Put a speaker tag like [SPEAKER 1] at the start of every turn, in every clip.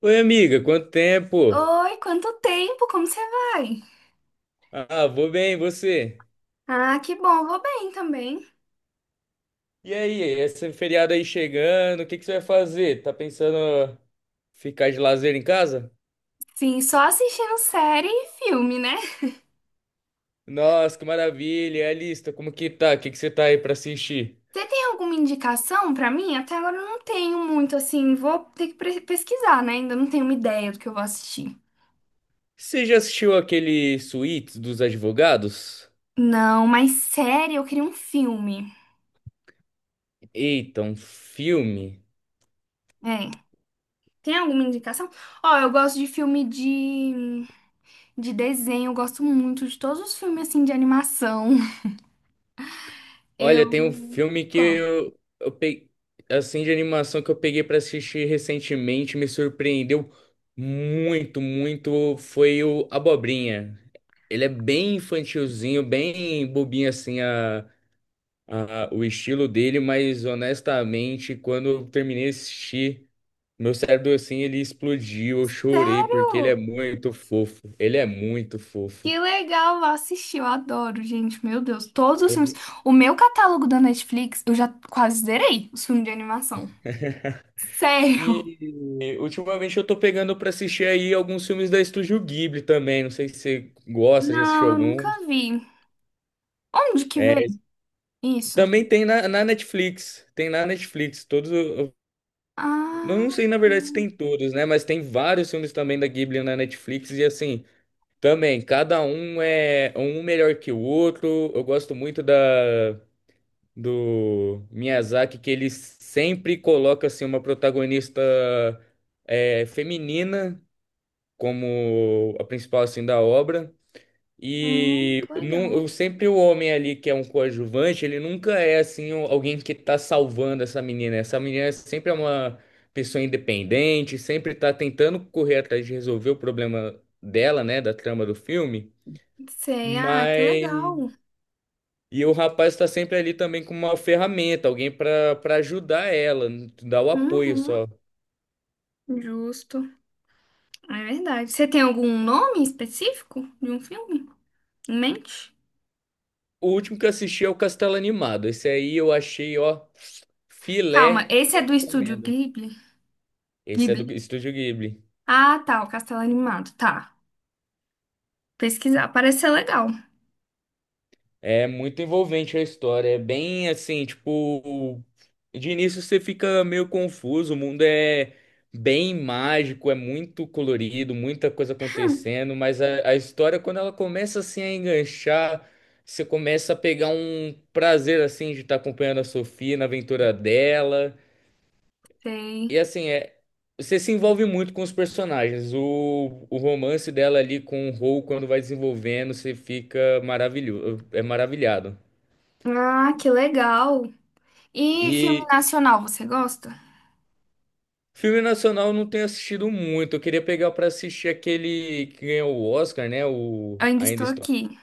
[SPEAKER 1] Oi, amiga, quanto tempo?
[SPEAKER 2] Oi, quanto tempo? Como você vai?
[SPEAKER 1] Ah, vou bem, e você?
[SPEAKER 2] Ah, que bom, vou bem também.
[SPEAKER 1] E aí, esse feriado aí chegando, o que que você vai fazer? Tá pensando ficar de lazer em casa?
[SPEAKER 2] Sim, só assistindo série e filme, né?
[SPEAKER 1] Nossa, que maravilha! E a lista, como que tá? O que que você tá aí pra assistir?
[SPEAKER 2] Você tem alguma indicação pra mim? Até agora eu não tenho muito, assim, vou ter que pesquisar, né? Ainda não tenho uma ideia do que eu vou assistir.
[SPEAKER 1] Você já assistiu aquele Suítes dos Advogados?
[SPEAKER 2] Não, mas série, eu queria um filme.
[SPEAKER 1] Eita, um filme.
[SPEAKER 2] É. Tem alguma indicação? Ó, eu gosto de filme de desenho, eu gosto muito de todos os filmes, assim, de animação. Eu.
[SPEAKER 1] Olha, tem um filme que
[SPEAKER 2] Qual?
[SPEAKER 1] eu peguei, assim, de animação que eu peguei pra assistir recentemente, me surpreendeu muito, muito, foi o Abobrinha. Ele é bem infantilzinho, bem bobinho, assim, o estilo dele, mas honestamente, quando eu terminei de assistir, meu cérebro, assim, ele explodiu, eu chorei, porque ele é
[SPEAKER 2] Sério?
[SPEAKER 1] muito fofo, ele é muito fofo.
[SPEAKER 2] Que legal, vou assistir, eu adoro, gente, meu Deus, todos os filmes.
[SPEAKER 1] Ele-
[SPEAKER 2] O meu catálogo da Netflix, eu já quase zerei os filmes de animação. Sério?
[SPEAKER 1] E E, ultimamente eu tô pegando pra assistir aí alguns filmes da Estúdio Ghibli também. Não sei se você gosta, já assistiu
[SPEAKER 2] Não, eu nunca
[SPEAKER 1] alguns.
[SPEAKER 2] vi. Onde que vê
[SPEAKER 1] É,
[SPEAKER 2] isso?
[SPEAKER 1] também tem na Netflix. Tem na Netflix. Todos. Eu não
[SPEAKER 2] Ah,
[SPEAKER 1] sei, na verdade, se tem todos, né? Mas tem vários filmes também da Ghibli na Netflix. E assim, também, cada um é um melhor que o outro. Eu gosto muito da, do Miyazaki, que ele sempre coloca assim, uma protagonista é, feminina como a principal assim da obra. E
[SPEAKER 2] que legal.
[SPEAKER 1] eu sempre o homem ali que é um coadjuvante, ele nunca é assim alguém que tá salvando essa menina. Essa menina sempre é uma pessoa independente, sempre tá tentando correr atrás de resolver o problema dela, né, da trama do filme.
[SPEAKER 2] Sei, ah, que
[SPEAKER 1] Mas
[SPEAKER 2] legal.
[SPEAKER 1] e o rapaz tá sempre ali também com uma ferramenta, alguém pra para ajudar ela, dar o apoio
[SPEAKER 2] Uhum,
[SPEAKER 1] só.
[SPEAKER 2] justo. É verdade. Você tem algum nome específico de um filme em mente?
[SPEAKER 1] O último que eu assisti é o Castelo Animado. Esse aí eu achei, ó,
[SPEAKER 2] Calma,
[SPEAKER 1] filé,
[SPEAKER 2] esse é do estúdio
[SPEAKER 1] recomendo.
[SPEAKER 2] Ghibli?
[SPEAKER 1] Esse é do
[SPEAKER 2] Ghibli.
[SPEAKER 1] Estúdio Ghibli.
[SPEAKER 2] Ah, tá, o Castelo Animado, tá. Pesquisar, parece ser legal.
[SPEAKER 1] É muito envolvente a história. É bem assim, tipo, de início você fica meio confuso. O mundo é bem mágico, é muito colorido, muita coisa acontecendo. Mas a história, quando ela começa assim a enganchar, você começa a pegar um prazer assim de estar acompanhando a Sofia na aventura dela.
[SPEAKER 2] Sei.
[SPEAKER 1] E assim, é, você se envolve muito com os personagens. O romance dela ali com o Rou, quando vai desenvolvendo, você fica maravilhoso, é maravilhado.
[SPEAKER 2] Ah, que legal. E filme
[SPEAKER 1] E
[SPEAKER 2] nacional, você gosta?
[SPEAKER 1] filme nacional eu não tenho assistido muito. Eu queria pegar pra assistir aquele que ganhou o Oscar, né?
[SPEAKER 2] Eu
[SPEAKER 1] O
[SPEAKER 2] ainda
[SPEAKER 1] Ainda
[SPEAKER 2] estou
[SPEAKER 1] Estou. O
[SPEAKER 2] aqui.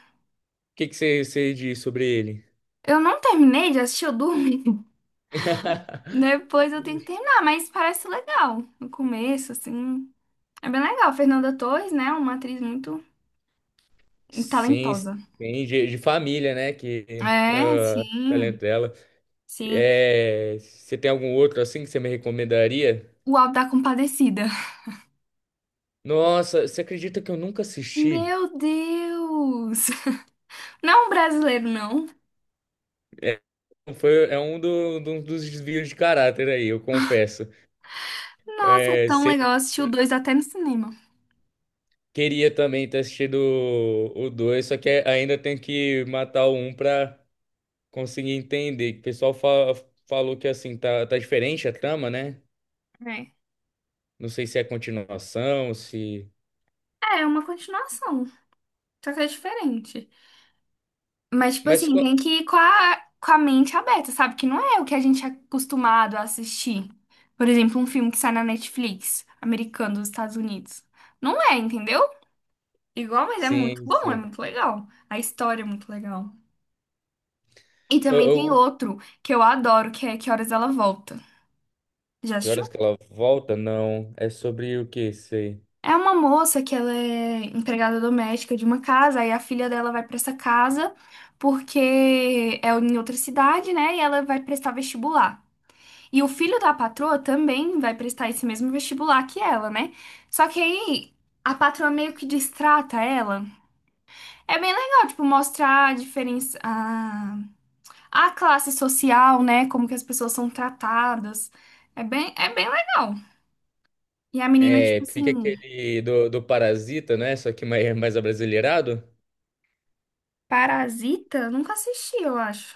[SPEAKER 1] que que você diz sobre ele?
[SPEAKER 2] Eu não terminei de assistir, eu dormi. Depois eu tenho que terminar, mas parece legal. No começo, assim. É bem legal. Fernanda Torres, né? Uma atriz muito
[SPEAKER 1] Sim,
[SPEAKER 2] talentosa.
[SPEAKER 1] sim, de família, né? Que
[SPEAKER 2] É,
[SPEAKER 1] ah,
[SPEAKER 2] sim,
[SPEAKER 1] talento dela.
[SPEAKER 2] sim.
[SPEAKER 1] É, você tem algum outro assim que você me recomendaria?
[SPEAKER 2] O Auto da Compadecida.
[SPEAKER 1] Nossa, você acredita que eu nunca assisti?
[SPEAKER 2] Meu Deus! Não brasileiro, não.
[SPEAKER 1] É, foi, é um dos desvios de caráter aí, eu confesso.
[SPEAKER 2] Nossa, é
[SPEAKER 1] É,
[SPEAKER 2] tão
[SPEAKER 1] você
[SPEAKER 2] legal assistir o dois até no cinema.
[SPEAKER 1] queria também ter assistido o 2, só que é, ainda tem que matar o um pra conseguir entender. O pessoal falou que assim, tá, tá diferente a trama, né?
[SPEAKER 2] É.
[SPEAKER 1] Não sei se é continuação, se.
[SPEAKER 2] É, é uma continuação. Só que é diferente. Mas, tipo
[SPEAKER 1] Mas.
[SPEAKER 2] assim, tem que ir com a mente aberta, sabe? Que não é o que a gente é acostumado a assistir. Por exemplo, um filme que sai na Netflix, americano dos Estados Unidos. Não é, entendeu? Igual, mas é muito
[SPEAKER 1] Sim,
[SPEAKER 2] bom, é
[SPEAKER 1] sim.
[SPEAKER 2] muito legal. A história é muito legal. E
[SPEAKER 1] Eu,
[SPEAKER 2] também tem
[SPEAKER 1] eu-
[SPEAKER 2] outro que eu adoro, que é Que Horas Ela Volta. Já
[SPEAKER 1] Que horas
[SPEAKER 2] assistiu?
[SPEAKER 1] que ela volta? Não. É sobre o que isso aí?
[SPEAKER 2] É uma moça que ela é empregada doméstica de uma casa, aí a filha dela vai pra essa casa porque é em outra cidade, né? E ela vai prestar vestibular. E o filho da patroa também vai prestar esse mesmo vestibular que ela, né? Só que aí a patroa meio que destrata ela. É bem legal, tipo, mostrar a diferença, a classe social, né? Como que as pessoas são tratadas. É bem legal. E a menina, tipo
[SPEAKER 1] É,
[SPEAKER 2] assim,
[SPEAKER 1] fica aquele do Parasita, né? Só que mais, mais abrasileirado.
[SPEAKER 2] Parasita? Nunca assisti, eu acho.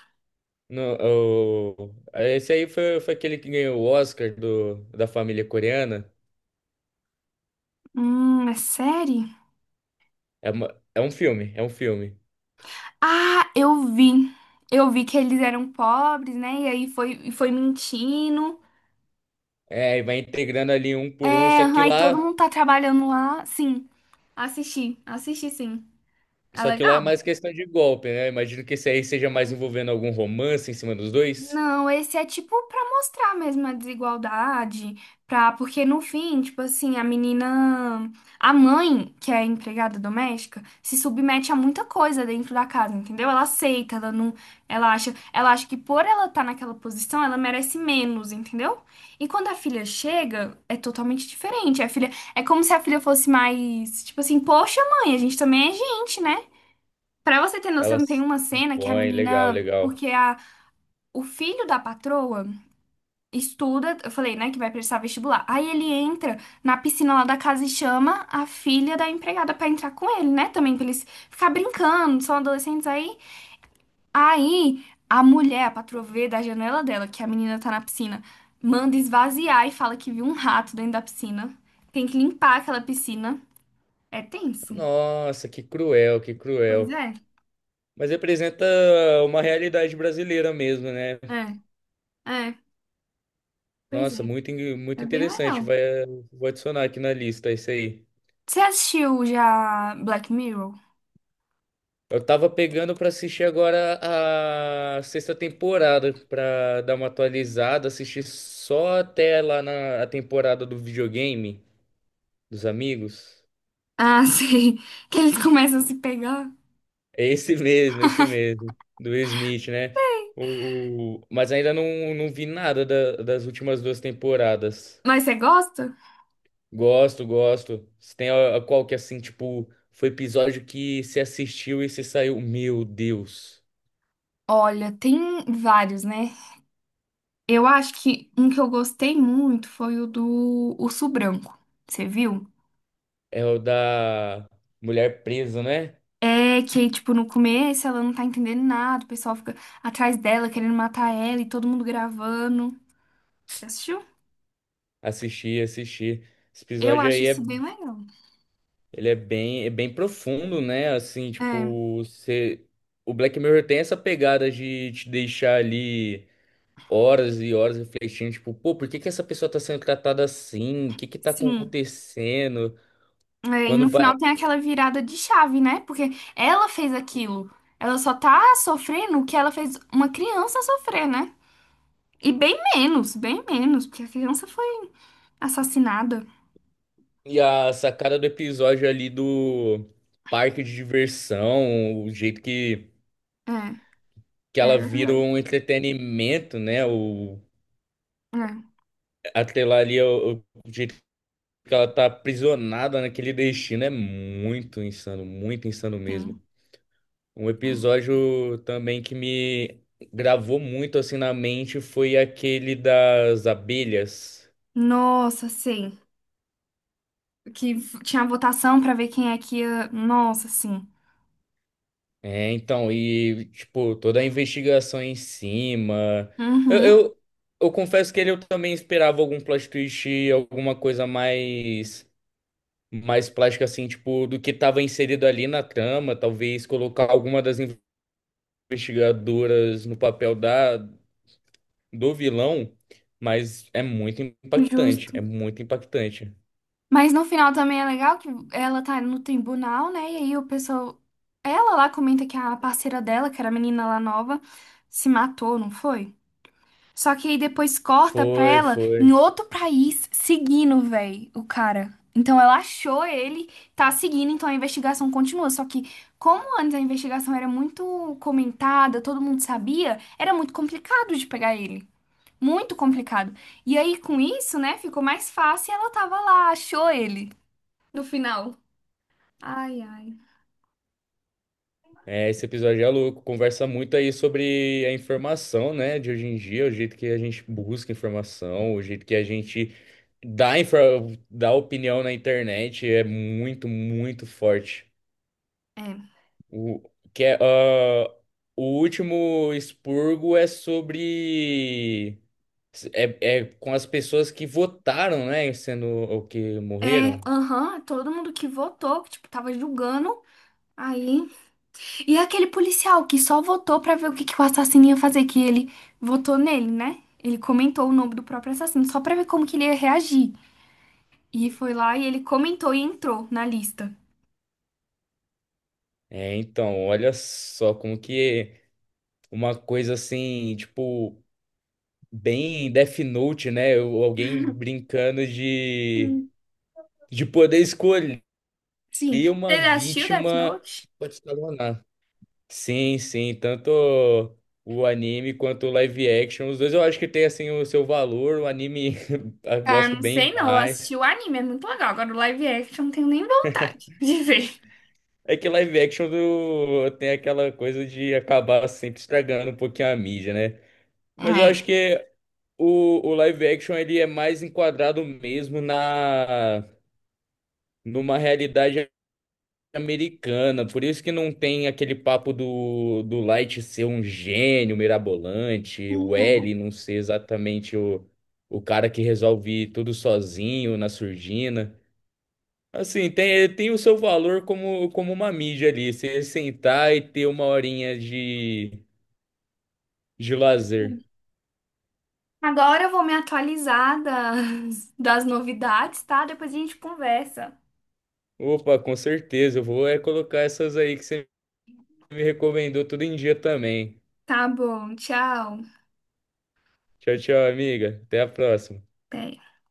[SPEAKER 1] No, esse aí foi, foi aquele que ganhou o Oscar do, da família coreana.
[SPEAKER 2] É série?
[SPEAKER 1] É, é um filme, é um filme.
[SPEAKER 2] Ah, eu vi. Eu vi que eles eram pobres, né? E aí foi, foi mentindo.
[SPEAKER 1] É, e vai integrando ali um por um,
[SPEAKER 2] É, aí todo mundo tá trabalhando lá. Sim, assisti, assisti sim. É
[SPEAKER 1] só que lá é
[SPEAKER 2] legal?
[SPEAKER 1] mais questão de golpe, né? Imagino que esse aí seja mais envolvendo algum romance em cima dos dois.
[SPEAKER 2] Não, esse é tipo pra mostrar mesmo a desigualdade, pra, porque no fim, tipo assim, a menina, a mãe, que é empregada doméstica, se submete a muita coisa dentro da casa, entendeu? Ela aceita, ela não, ela acha que por ela estar naquela posição, ela merece menos, entendeu? E quando a filha chega, é totalmente diferente. A filha, é como se a filha fosse mais, tipo assim, poxa, mãe, a gente também é gente, né? Pra você ter noção, tem
[SPEAKER 1] Elas
[SPEAKER 2] uma cena que a
[SPEAKER 1] põem, legal,
[SPEAKER 2] menina,
[SPEAKER 1] legal.
[SPEAKER 2] porque a o filho da patroa estuda, eu falei, né, que vai prestar vestibular. Aí ele entra na piscina lá da casa e chama a filha da empregada pra entrar com ele, né? Também pra eles ficar brincando, são adolescentes aí. Aí a mulher, a patroa vê da janela dela que a menina tá na piscina, manda esvaziar e fala que viu um rato dentro da piscina. Tem que limpar aquela piscina. É tenso.
[SPEAKER 1] Nossa, que cruel, que
[SPEAKER 2] Pois
[SPEAKER 1] cruel.
[SPEAKER 2] é.
[SPEAKER 1] Mas representa uma realidade brasileira mesmo, né?
[SPEAKER 2] É, é, pois
[SPEAKER 1] Nossa,
[SPEAKER 2] é.
[SPEAKER 1] muito, muito
[SPEAKER 2] É bem
[SPEAKER 1] interessante.
[SPEAKER 2] legal.
[SPEAKER 1] Vai, vou adicionar aqui na lista isso aí.
[SPEAKER 2] Você assistiu já Black Mirror?
[SPEAKER 1] Eu tava pegando pra assistir agora a sexta temporada pra dar uma atualizada, assistir só até lá na a temporada do videogame dos amigos.
[SPEAKER 2] Ah, sei. Que eles começam a se pegar.
[SPEAKER 1] É esse mesmo, esse mesmo, do Smith, né? Mas ainda não, não vi nada das últimas duas temporadas.
[SPEAKER 2] Mas você gosta?
[SPEAKER 1] Gosto, gosto. Se tem a qual que é assim, tipo, foi episódio que se assistiu e se saiu. Meu Deus.
[SPEAKER 2] Olha, tem vários, né? Eu acho que um que eu gostei muito foi o do Urso Branco. Você viu?
[SPEAKER 1] É o da mulher presa, né?
[SPEAKER 2] É que, tipo, no começo ela não tá entendendo nada, o pessoal fica atrás dela querendo matar ela e todo mundo gravando. Você assistiu?
[SPEAKER 1] Assisti, assisti. Esse
[SPEAKER 2] Eu
[SPEAKER 1] episódio
[SPEAKER 2] acho
[SPEAKER 1] aí é,
[SPEAKER 2] isso bem legal.
[SPEAKER 1] ele é bem profundo, né? Assim,
[SPEAKER 2] É,
[SPEAKER 1] tipo, você, o Black Mirror tem essa pegada de te deixar ali horas e horas refletindo, tipo, pô, por que que essa pessoa tá sendo tratada assim? O que que tá
[SPEAKER 2] sim.
[SPEAKER 1] acontecendo?
[SPEAKER 2] É, e
[SPEAKER 1] Quando
[SPEAKER 2] no
[SPEAKER 1] vai,
[SPEAKER 2] final tem aquela virada de chave, né? Porque ela fez aquilo. Ela só tá sofrendo o que ela fez uma criança sofrer, né? E bem menos, porque a criança foi assassinada.
[SPEAKER 1] e a sacada do episódio ali do parque de diversão, o jeito
[SPEAKER 2] É,
[SPEAKER 1] que
[SPEAKER 2] é
[SPEAKER 1] ela vira
[SPEAKER 2] verdade.
[SPEAKER 1] um entretenimento, né? O,
[SPEAKER 2] É,
[SPEAKER 1] até lá ali, é o jeito que ela tá aprisionada naquele destino é muito insano mesmo.
[SPEAKER 2] sim,
[SPEAKER 1] Um
[SPEAKER 2] sim.
[SPEAKER 1] episódio também que me gravou muito assim na mente foi aquele das abelhas.
[SPEAKER 2] Nossa, sim. Tinha votação pra ver quem é que ia. Nossa, sim.
[SPEAKER 1] É, então, e, tipo, toda a investigação em cima. Eu,
[SPEAKER 2] Uhum,
[SPEAKER 1] eu, eu confesso que ele eu também esperava algum plot twist, alguma coisa mais, mais plástica, assim, tipo, do que estava inserido ali na trama. Talvez colocar alguma das investigadoras no papel da, do vilão, mas é muito impactante,
[SPEAKER 2] justo.
[SPEAKER 1] é muito impactante.
[SPEAKER 2] Mas no final também é legal que ela tá no tribunal, né? E aí o pessoal. Ela lá comenta que a parceira dela, que era a menina lá nova, se matou, não foi? Só que aí depois corta pra
[SPEAKER 1] Foi,
[SPEAKER 2] ela em
[SPEAKER 1] foi.
[SPEAKER 2] outro país seguindo, véi, o cara. Então ela achou ele, tá seguindo, então a investigação continua. Só que, como antes a investigação era muito comentada, todo mundo sabia, era muito complicado de pegar ele. Muito complicado. E aí, com isso, né, ficou mais fácil e ela tava lá, achou ele no final. Ai, ai.
[SPEAKER 1] É, esse episódio é louco, conversa muito aí sobre a informação, né, de hoje em dia, o jeito que a gente busca informação, o jeito que a gente dá, dá opinião na internet é muito, muito forte.
[SPEAKER 2] É.
[SPEAKER 1] O, que é, ah, o último expurgo é sobre... É, é com as pessoas que votaram, né, sendo o que
[SPEAKER 2] É,
[SPEAKER 1] morreram.
[SPEAKER 2] aham, todo mundo que votou, que, tipo, tava julgando. Aí. E aquele policial que só votou pra ver o que que o assassino ia fazer, que ele votou nele, né? Ele comentou o nome do próprio assassino, só pra ver como que ele ia reagir. E foi lá e ele comentou e entrou na lista.
[SPEAKER 1] É, então, olha só como que uma coisa assim, tipo... bem Death Note, né? Ou alguém brincando
[SPEAKER 2] Hum,
[SPEAKER 1] de poder escolher
[SPEAKER 2] Sim.
[SPEAKER 1] uma
[SPEAKER 2] Você já assistiu Death
[SPEAKER 1] vítima
[SPEAKER 2] Note?
[SPEAKER 1] pra te escalonar. Sim, sim, tanto o anime quanto o live action, os dois eu acho que tem assim o seu valor, o anime eu
[SPEAKER 2] Ah,
[SPEAKER 1] gosto
[SPEAKER 2] não
[SPEAKER 1] bem
[SPEAKER 2] sei não. Eu assisti
[SPEAKER 1] mais.
[SPEAKER 2] o anime, é muito legal. Agora o live action, eu não tenho nem vontade de ver.
[SPEAKER 1] É que live action do... tem aquela coisa de acabar sempre estragando um pouquinho a mídia, né? Mas eu
[SPEAKER 2] É.
[SPEAKER 1] acho que o live action ele é mais enquadrado mesmo na numa realidade americana, por isso que não tem aquele papo do, do Light ser um gênio mirabolante, o L
[SPEAKER 2] Uhum.
[SPEAKER 1] não ser exatamente o cara que resolve tudo sozinho na surdina. Assim, tem, tem o seu valor como, como uma mídia ali, você sentar e ter uma horinha de lazer.
[SPEAKER 2] Agora eu vou me atualizar das, das novidades, tá? Depois a gente conversa.
[SPEAKER 1] Opa, com certeza, eu vou é colocar essas aí que você me recomendou tudo em dia também.
[SPEAKER 2] Tá bom, tchau.
[SPEAKER 1] Tchau, tchau, amiga. Até a próxima.
[SPEAKER 2] Até.